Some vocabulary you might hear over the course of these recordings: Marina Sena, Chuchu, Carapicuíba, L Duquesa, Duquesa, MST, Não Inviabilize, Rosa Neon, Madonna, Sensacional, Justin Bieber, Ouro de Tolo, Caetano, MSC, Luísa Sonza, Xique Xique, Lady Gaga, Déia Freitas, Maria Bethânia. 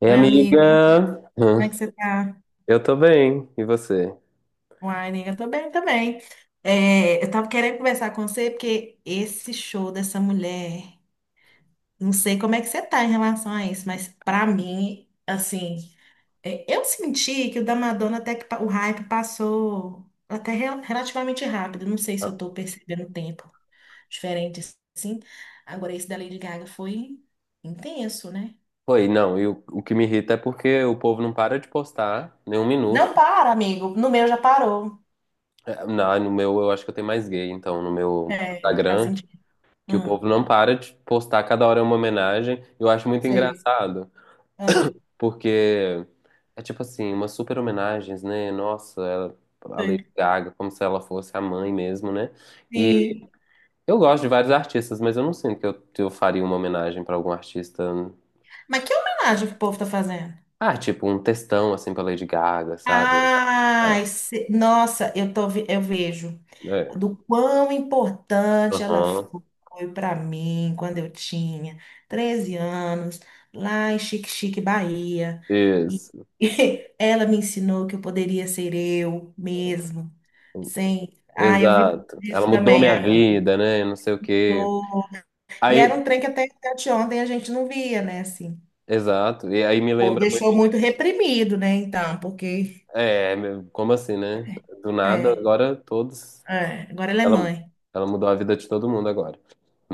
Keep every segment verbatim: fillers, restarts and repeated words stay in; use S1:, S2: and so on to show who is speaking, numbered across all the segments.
S1: Ei,
S2: Oi, amigo,
S1: amiga!
S2: como é
S1: Hã?
S2: que você tá?
S1: Eu tô bem, e você?
S2: Uai, nega, eu tô bem também. É, eu tava querendo conversar com você porque esse show dessa mulher, não sei como é que você tá em relação a isso, mas pra mim, assim, é, eu senti que o da Madonna até que pa- o hype passou até rel- relativamente rápido. Não sei se
S1: Ah,
S2: eu tô percebendo o tempo diferente assim. Agora esse da Lady Gaga foi intenso, né?
S1: oi, não, e o, o que me irrita é porque o povo não para de postar nem um
S2: Não
S1: minuto.
S2: para, amigo. No meu já parou.
S1: É, Na, no meu, eu acho que eu tenho mais gay, então, no meu
S2: É, faz
S1: Instagram,
S2: sentido.
S1: que o
S2: Ah,
S1: povo não para de postar, cada hora é uma homenagem. Eu acho muito
S2: sei.
S1: engraçado,
S2: Hum.
S1: porque é tipo assim, umas super homenagens, né? Nossa, ela, a Lady
S2: Sim.
S1: Gaga, como se ela fosse a mãe mesmo, né? E eu gosto de vários artistas, mas eu não sinto que eu, que eu faria uma homenagem pra algum artista.
S2: Mas que homenagem que o povo tá fazendo?
S1: Ah, tipo um textão assim pra Lady Gaga, sabe? Ah,
S2: Ai, se- nossa, eu tô, ve- eu vejo
S1: é.
S2: do quão importante ela
S1: Aham.
S2: foi para mim quando eu tinha treze anos, lá em Xique Xique, Bahia. E
S1: Isso.
S2: ela me ensinou que eu poderia ser eu mesmo, sem. Ah, eu vi
S1: Exato. Ela
S2: isso
S1: mudou
S2: também.
S1: minha
S2: A-
S1: vida, né? Não sei o quê.
S2: E era
S1: Aí,
S2: um trem que até, até de ontem a gente não via, né? Assim.
S1: exato. E aí me
S2: Ou
S1: lembra muito.
S2: deixou muito reprimido, né? Então, porque.
S1: É, meu, como assim, né? Do nada,
S2: É,
S1: agora todos.
S2: é, agora ela é
S1: Ela,
S2: mãe.
S1: ela mudou a vida de todo mundo agora.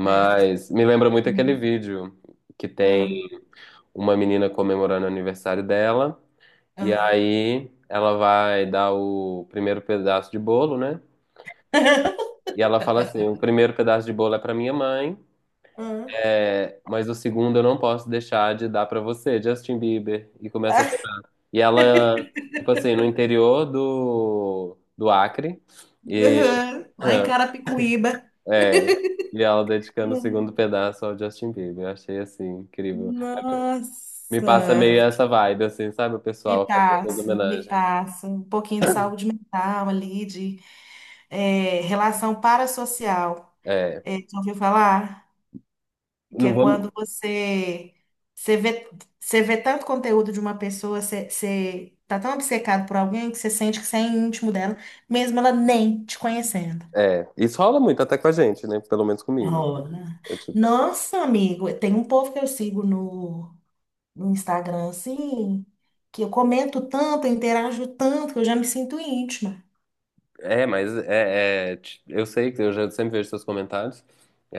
S2: É.
S1: me lembra muito
S2: Hum,
S1: aquele vídeo que tem
S2: hum,
S1: uma menina comemorando o aniversário dela. E
S2: hum.
S1: aí ela vai dar o primeiro pedaço de bolo, né? E ela fala assim: o primeiro pedaço de bolo é pra minha mãe,
S2: Hum.
S1: é, mas o segundo eu não posso deixar de dar pra você, Justin Bieber. E começa a
S2: Ah,
S1: chorar. E ela, tipo assim, no interior do, do Acre, e,
S2: uhum. Lá em Carapicuíba.
S1: é, e ela dedicando o
S2: Hum.
S1: segundo pedaço ao Justin Bieber. Eu achei assim, incrível. Me passa meio
S2: Nossa,
S1: essa vibe, assim, sabe? O
S2: me
S1: pessoal fazendo as
S2: passa, me
S1: homenagens.
S2: passa. Um pouquinho de saúde mental ali, de é, relação parassocial.
S1: É,
S2: É, já ouviu falar? Que é
S1: não
S2: quando
S1: vou.
S2: você, você vê, você vê tanto conteúdo de uma pessoa, você, você tá tão obcecado por alguém que você sente que você é íntimo dela, mesmo ela nem te conhecendo.
S1: É, isso rola muito até com a gente, né? Pelo menos comigo.
S2: Rola.
S1: Eu, tipo,
S2: Nossa, amigo, tem um povo que eu sigo no, no Instagram, assim, que eu comento tanto, eu interajo tanto, que eu já me sinto íntima.
S1: É, mas é, é, ti- eu sei que eu já sempre vejo seus comentários.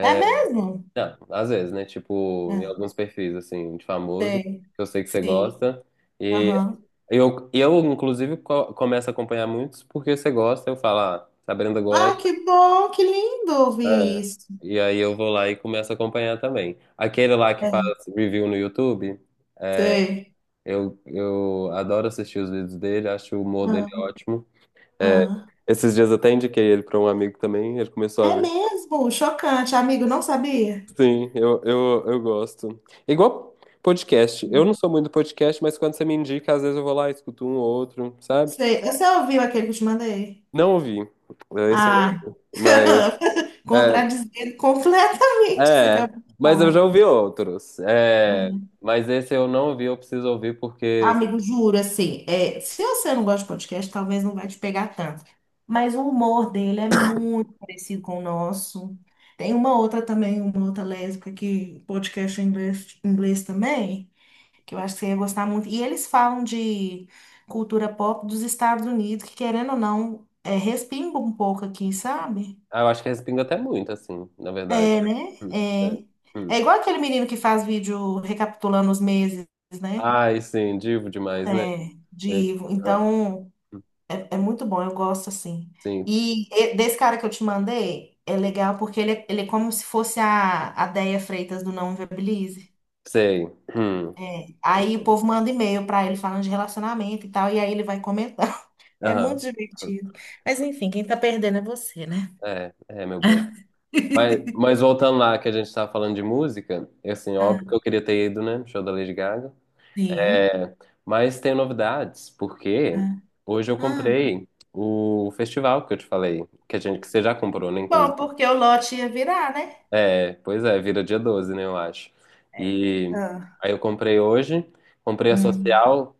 S2: É mesmo?
S1: não, às vezes, né? Tipo, em
S2: Ah,
S1: alguns perfis, assim, de famoso, que eu sei que você
S2: sim.
S1: gosta. E
S2: Aham.
S1: eu, eu inclusive, co- começo a acompanhar muitos porque você gosta. Eu falo, ah, se a Brenda
S2: Ah,
S1: gosta.
S2: que bom, que lindo ouvir
S1: É.
S2: isso.
S1: E aí eu vou lá e começo a acompanhar também. Aquele lá que faz
S2: É,
S1: review no YouTube,
S2: sei.
S1: eu, eu adoro assistir os vídeos dele, acho o humor dele
S2: Ah,
S1: ótimo. É,
S2: ah.
S1: esses dias eu até indiquei ele para um amigo também, ele começou a
S2: É
S1: ver.
S2: mesmo, chocante, amigo, não sabia?
S1: Sim, eu, eu, eu gosto. É igual podcast. Eu não sou muito podcast, mas quando você me indica, às vezes eu vou lá, escuto um ou outro, sabe?
S2: Sei, você ouviu aquele que eu te mandei?
S1: Não ouvi. É, esse eu não
S2: Ah,
S1: ouvi. Mas. É,
S2: contradizendo completamente o que você
S1: é,
S2: acabou de
S1: mas eu já
S2: falar.
S1: ouvi outros. É,
S2: Hum.
S1: mas esse eu não ouvi, eu preciso ouvir porque
S2: Amigo, juro, assim, é, se você não gosta de podcast, talvez não vai te pegar tanto. Mas o humor dele é muito parecido com o nosso. Tem uma outra também, uma outra lésbica que podcast em inglês, inglês também. Que eu acho que você ia gostar muito. E eles falam de cultura pop dos Estados Unidos, que querendo ou não, é, respinga um pouco aqui, sabe?
S1: ah, eu acho que respinga até muito, assim, na verdade.
S2: É, né?
S1: Hum, é,
S2: É.
S1: hum.
S2: É igual aquele menino que faz vídeo recapitulando os meses, né?
S1: Ai, sim, divo demais, né?
S2: É, de,
S1: Eu- ah,
S2: então, é, é muito bom, eu gosto assim.
S1: sim,
S2: E, e- desse cara que eu te mandei, é legal porque ele, é- ele é como se fosse a, a Déia Freitas do Não Inviabilize.
S1: sei. Hum,
S2: É, aí o povo manda e-mail pra ele falando de relacionamento e tal, e aí ele vai comentando. É muito
S1: aham. Hum,
S2: divertido. Mas enfim, quem tá perdendo é você, né?
S1: é, é, meu bem. Mas, mas voltando lá que a gente estava falando de música, e assim,
S2: Ah,
S1: óbvio que eu queria ter ido, né? No Show da Lady Gaga.
S2: sim.
S1: É, mas tem novidades, porque
S2: Ah,
S1: hoje eu
S2: ah.
S1: comprei o festival que eu te falei, que a gente que você já comprou, né,
S2: Que bom,
S1: inclusive.
S2: porque o lote ia virar, né?
S1: É, pois é, vira dia doze, né, eu acho.
S2: É.
S1: E
S2: Ah.
S1: aí eu comprei hoje, comprei a
S2: Hum,
S1: social,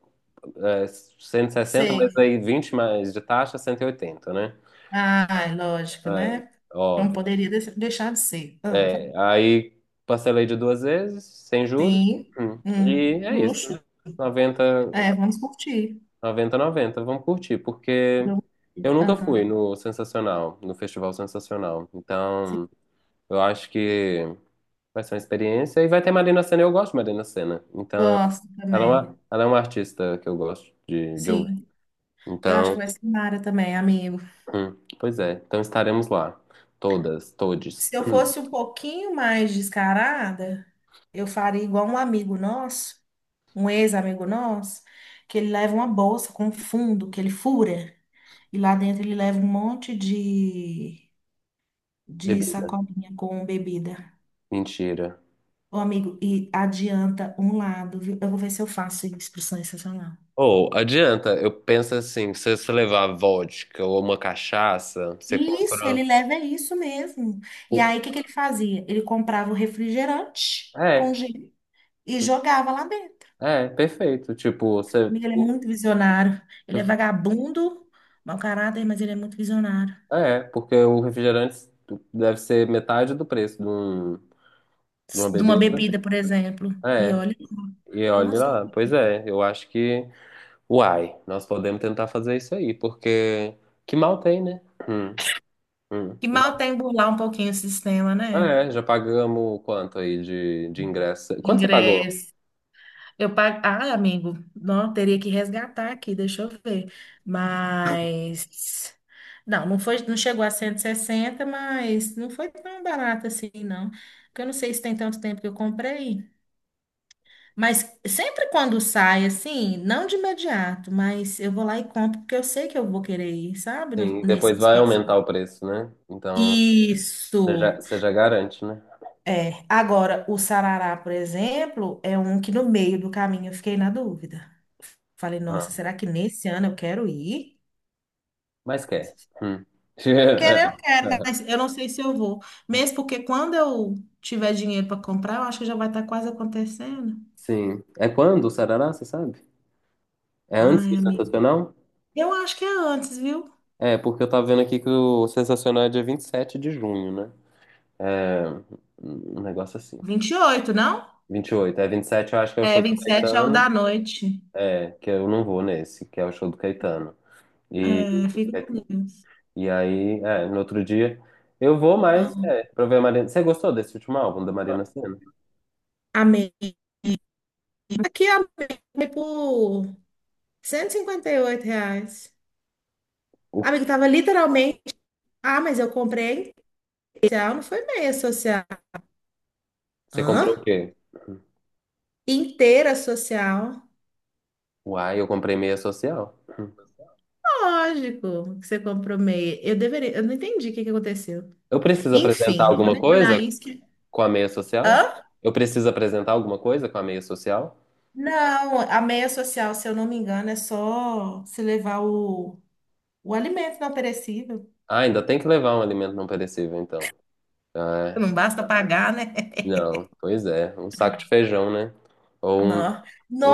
S1: é, cento e sessenta, mas
S2: sei.
S1: aí vinte mais de taxa, cento e oitenta, né?
S2: Ah, é lógico,
S1: É,
S2: né? Não
S1: óbvio.
S2: poderia des- deixar de ser. Ah,
S1: É, aí parcelei de duas vezes, sem juros,
S2: sim.
S1: hum,
S2: Hum,
S1: e é isso.
S2: luxo.
S1: noventa
S2: É, vamos curtir.
S1: noventa Noventa vamos curtir, porque
S2: Vamos
S1: eu
S2: curtir.
S1: nunca fui
S2: Ah,
S1: no Sensacional, no Festival Sensacional.
S2: sim.
S1: Então, eu acho que vai ser uma experiência e vai ter Marina Sena, eu gosto de Marina Sena. Então,
S2: Gosto
S1: ela é
S2: também.
S1: uma, ela é uma artista que eu gosto de, de ouvir.
S2: Sim. Eu acho
S1: Então,
S2: que vai ser Mara também, amigo.
S1: hum, pois é, então estaremos lá, todas, todes,
S2: Se eu fosse um pouquinho mais descarada, eu faria igual um amigo nosso, um ex-amigo nosso, que ele leva uma bolsa com fundo, que ele fura, e lá dentro ele leva um monte de, de
S1: bebida,
S2: sacolinha com bebida.
S1: mentira.
S2: Ô, amigo, e adianta um lado, viu? Eu vou ver se eu faço instrução excepcional.
S1: Ou adianta, eu penso assim, se você levar vodka ou uma cachaça, você
S2: Isso, ele
S1: compra.
S2: leva isso mesmo. E
S1: o-
S2: aí, o que que ele fazia? Ele comprava o refrigerante com
S1: É,
S2: gelo e jogava lá dentro.
S1: é, perfeito. Tipo, você.
S2: Amiga, ele é
S1: o-
S2: muito visionário. Ele é vagabundo, mau caráter, mas ele é muito visionário.
S1: É, porque o refrigerante deve ser metade do preço de, um, de uma
S2: De uma
S1: bebida.
S2: bebida, por exemplo. E
S1: É,
S2: olha,
S1: e
S2: com
S1: olha lá,
S2: certeza.
S1: pois é, eu acho que. Uai, nós podemos tentar fazer isso aí, porque que mal tem, né? Hum, hum.
S2: Que
S1: Já,
S2: mal tem burlar um pouquinho o sistema, né?
S1: é, já pagamos quanto aí de, de ingresso? Quanto você pagou?
S2: Ingresso. Eu pago. Ah, amigo, não, teria que resgatar aqui, deixa eu ver. Mas. Não, não foi, não chegou a cento e sessenta, mas não foi tão barato assim, não. Porque eu não sei se tem tanto tempo que eu comprei. Mas sempre quando sai, assim, não de imediato, mas eu vou lá e compro, porque eu sei que eu vou querer ir, sabe? No-
S1: Sim, e
S2: Nesse
S1: depois vai
S2: específico.
S1: aumentar o preço, né? Então, você
S2: Isso.
S1: já, você já garante, né?
S2: É. Agora, o sarará, por exemplo, é um que no meio do caminho eu fiquei na dúvida. Falei,
S1: Ah,
S2: nossa, será que nesse ano eu quero ir?
S1: mas quer. Hum.
S2: Querer, mas eu não sei se eu vou. Mesmo porque quando eu tiver dinheiro para comprar, eu acho que já vai estar quase acontecendo.
S1: Sim. É quando o Sarará, você sabe? É antes do
S2: Ai, amiga.
S1: Sensacional?
S2: Eu acho que é antes, viu?
S1: É, porque eu tava vendo aqui que o Sensacional é dia vinte e sete de junho, né? É, um negócio assim.
S2: Vinte e oito não?
S1: Vinte e oito. É vinte e sete, eu acho que é o
S2: É,
S1: show do
S2: vinte e sete é o
S1: Caetano.
S2: da noite.
S1: É, que eu não vou nesse, que é o show do Caetano. E
S2: É, fica com Deus.
S1: e aí, é, no outro dia, eu vou, mais
S2: Ah,
S1: é, pra ver a Marina. Você gostou desse último álbum da Marina Sena?
S2: amei. Aqui, amei foi por cento e cinquenta e oito reais.
S1: O-
S2: Amigo, tava literalmente. Ah, mas eu comprei a social, não foi meia social.
S1: Você
S2: Hã?
S1: comprou o quê?
S2: Inteira social.
S1: Uai, eu comprei meia social.
S2: Lógico que você comprou meia. Eu deveria. Eu não entendi o que que aconteceu.
S1: Eu preciso apresentar
S2: Enfim, não vou
S1: alguma
S2: nem olhar
S1: coisa
S2: isso. que-
S1: com a meia social?
S2: Hã?
S1: Eu preciso apresentar alguma coisa com a meia social?
S2: Não, a meia social, se eu não me engano, é só se levar o, o alimento não perecível.
S1: Ah, ainda tem que levar um alimento não perecível, então. Ah,
S2: Não
S1: é.
S2: basta pagar, né?
S1: Não, pois é, um saco de feijão, né? Ou um,
S2: Não.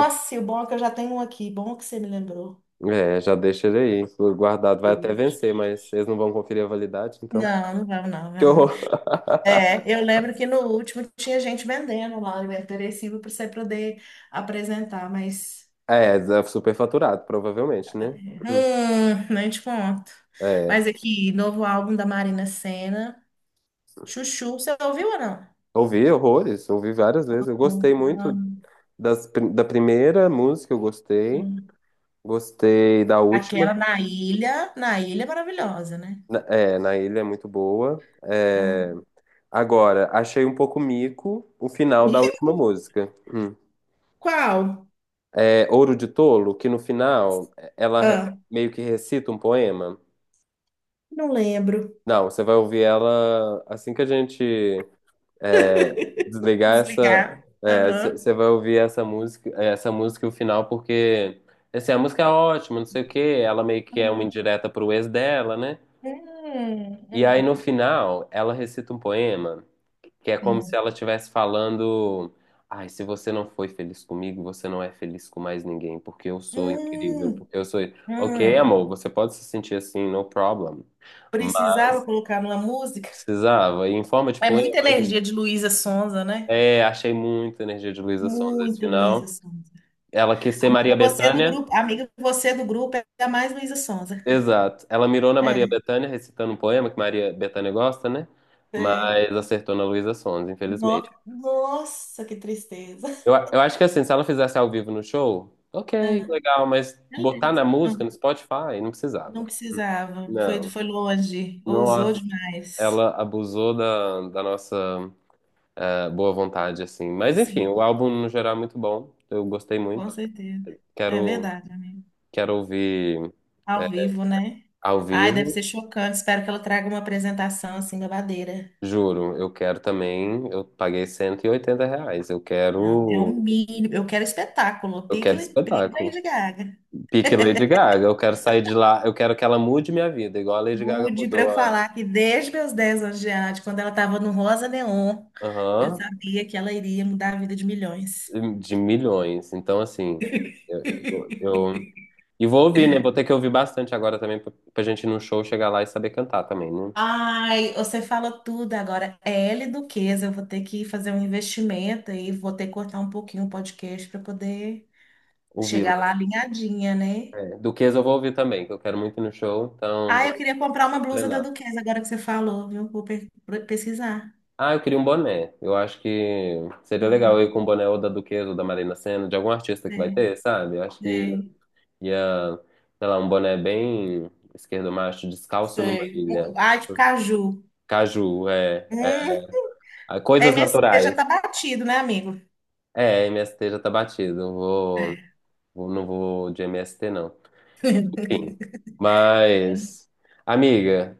S1: um-
S2: e o bom é que eu já tenho um aqui. Bom que você me lembrou.
S1: é, já deixa ele aí, guardado. Vai até
S2: Ixi.
S1: vencer, mas eles não vão conferir a validade, então.
S2: Não, não vamos não, meu
S1: Que
S2: amor.
S1: horror!
S2: É, eu lembro que no último tinha gente vendendo lá alimento perecível para você poder apresentar, mas
S1: É, é superfaturado, provavelmente, né? Hum.
S2: hum, nem te conto.
S1: É.
S2: Mas aqui, novo álbum da Marina Sena, Chuchu, você ouviu ou não?
S1: Ouvi horrores, ouvi várias vezes. Eu gostei
S2: Hum,
S1: muito das, pri- da primeira música, eu gostei.
S2: hum.
S1: Gostei da última.
S2: Aquela na ilha, na ilha é maravilhosa, né?
S1: Na- É, na ilha é muito boa.
S2: Ah,
S1: É, agora, achei um pouco mico o final da última música. Hum.
S2: Qual?
S1: É Ouro de Tolo, que no final ela re-
S2: Ah,
S1: meio que recita um poema.
S2: não lembro.
S1: Não, você vai ouvir ela assim que a gente desligar essa.
S2: Desligar. Aham.
S1: Você vai ouvir essa música, é, essa música o final, porque assim, a música é ótima, não sei o quê. Ela meio que é uma
S2: Uhum.
S1: indireta pro ex dela, né?
S2: Hum,
S1: E aí
S2: hum,
S1: no final ela recita um poema que é como se
S2: hum,
S1: ela estivesse falando. Ai, se você não foi feliz comigo, você não é feliz com mais ninguém, porque eu sou incrível,
S2: hum,
S1: porque eu sou. Ok,
S2: hum.
S1: amor, você pode se sentir assim, no problem.
S2: Precisava
S1: Mas
S2: colocar numa música.
S1: precisava. E em forma de
S2: É
S1: poema
S2: muita
S1: ainda.
S2: energia de Luísa Sonza, né?
S1: É, achei muita energia de Luísa Sonza esse
S2: Muito Luísa
S1: final.
S2: Sonza.
S1: Ela quis ser
S2: Amiga,
S1: Maria
S2: você é do
S1: Bethânia,
S2: grupo. Amiga, você é do grupo, é a mais Luísa Sonza.
S1: exato. Ela mirou na Maria
S2: É.
S1: Bethânia, recitando um poema que Maria Bethânia gosta, né?
S2: é
S1: Mas acertou na Luísa Sons,
S2: No-
S1: infelizmente.
S2: Nossa, que tristeza.
S1: Eu, eu acho que assim, se ela fizesse ao vivo no show, ok,
S2: Ah,
S1: legal, mas botar
S2: beleza.
S1: na música,
S2: Não,
S1: no Spotify, não precisava.
S2: não precisava. Foi,
S1: Não,
S2: foi longe. Ousou
S1: nossa,
S2: demais.
S1: ela abusou da, da nossa eh, boa vontade, assim. Mas enfim,
S2: Sim,
S1: o álbum no geral é muito bom, eu gostei
S2: com
S1: muito.
S2: certeza. É
S1: Quero,
S2: verdade, amiga.
S1: quero ouvir
S2: Ao
S1: eh,
S2: vivo, né?
S1: ao
S2: Ai, deve
S1: vivo.
S2: ser chocante. Espero que ela traga uma apresentação assim, babadeira.
S1: Juro, eu quero também. Eu paguei cento e oitenta reais. Eu
S2: Não, é o
S1: quero.
S2: mínimo. Eu quero espetáculo.
S1: Eu
S2: Pique,
S1: quero
S2: pique
S1: espetáculo.
S2: Lady Gaga.
S1: Pique Lady Gaga. Eu quero sair de lá. Eu quero que ela mude minha vida, igual a Lady Gaga
S2: Mude para
S1: mudou
S2: eu
S1: a.
S2: falar que desde meus dez anos de idade, quando ela estava no Rosa Neon, eu
S1: Aham.
S2: sabia que ela iria mudar a vida de milhões.
S1: De milhões. Então, assim. Eu, eu, eu- E vou ouvir, né? Vou ter que ouvir bastante agora também pra, pra gente ir no show chegar lá e saber cantar também, né?
S2: Ai, você falou tudo agora. É L Duquesa, eu vou ter que fazer um investimento e vou ter que cortar um pouquinho o podcast para poder chegar
S1: Ouvi-la.
S2: lá alinhadinha, né?
S1: É. Duquesa eu vou ouvir também, que eu quero muito ir no show, então
S2: Ah, eu
S1: vou
S2: queria comprar uma blusa da
S1: treinar.
S2: Duquesa, agora que você falou, viu? Vou pe- pesquisar.
S1: Ah, eu queria um boné. Eu acho que seria legal
S2: Ah,
S1: eu ir com um boné ou da Duquesa ou da Marina Sena, de algum artista que vai
S2: sei,
S1: ter, sabe? Eu acho que
S2: sei,
S1: ia, sei lá, um boné bem esquerdo, macho, descalço numa
S2: sei.
S1: ilha.
S2: Ah, de caju.
S1: Caju, é. É.
S2: Hum,
S1: Ah, coisas
S2: M S C já
S1: naturais.
S2: tá batido, né, amigo?
S1: É, M S T já tá batido. Eu vou,
S2: É.
S1: vou- não vou de M S T, não. Enfim. Mas, amiga,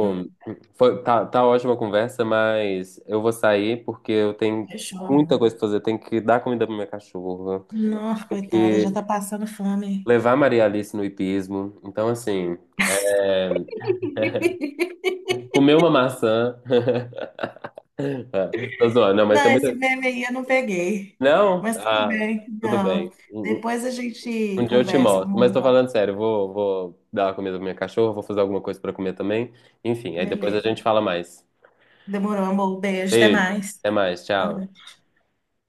S2: Ah,
S1: Foi, tá, tá ótima a conversa, mas eu vou sair porque eu tenho
S2: fechou,
S1: muita
S2: amor.
S1: coisa pra fazer. Eu tenho que dar comida pro meu cachorro.
S2: Nossa, coitada, já
S1: Que
S2: tá passando fome.
S1: levar Maria Alice no hipismo. Então, assim, é, comer uma maçã. Tô zoando, não,
S2: Não,
S1: mas tem
S2: esse
S1: muita.
S2: meme aí eu não peguei.
S1: Não?
S2: Mas tudo
S1: Ah,
S2: bem,
S1: tudo
S2: não.
S1: bem. Um, um
S2: Depois a
S1: um
S2: gente
S1: dia eu te
S2: conversa,
S1: mostro. Mas
S2: amor.
S1: tô falando sério, vou, vou dar a comida pra minha cachorra, vou fazer alguma coisa pra comer também. Enfim, aí depois a
S2: Beleza.
S1: gente fala mais.
S2: Demorou, amor. Beijo, até
S1: Beijo,
S2: mais.
S1: até mais,
S2: Boa
S1: tchau.
S2: noite.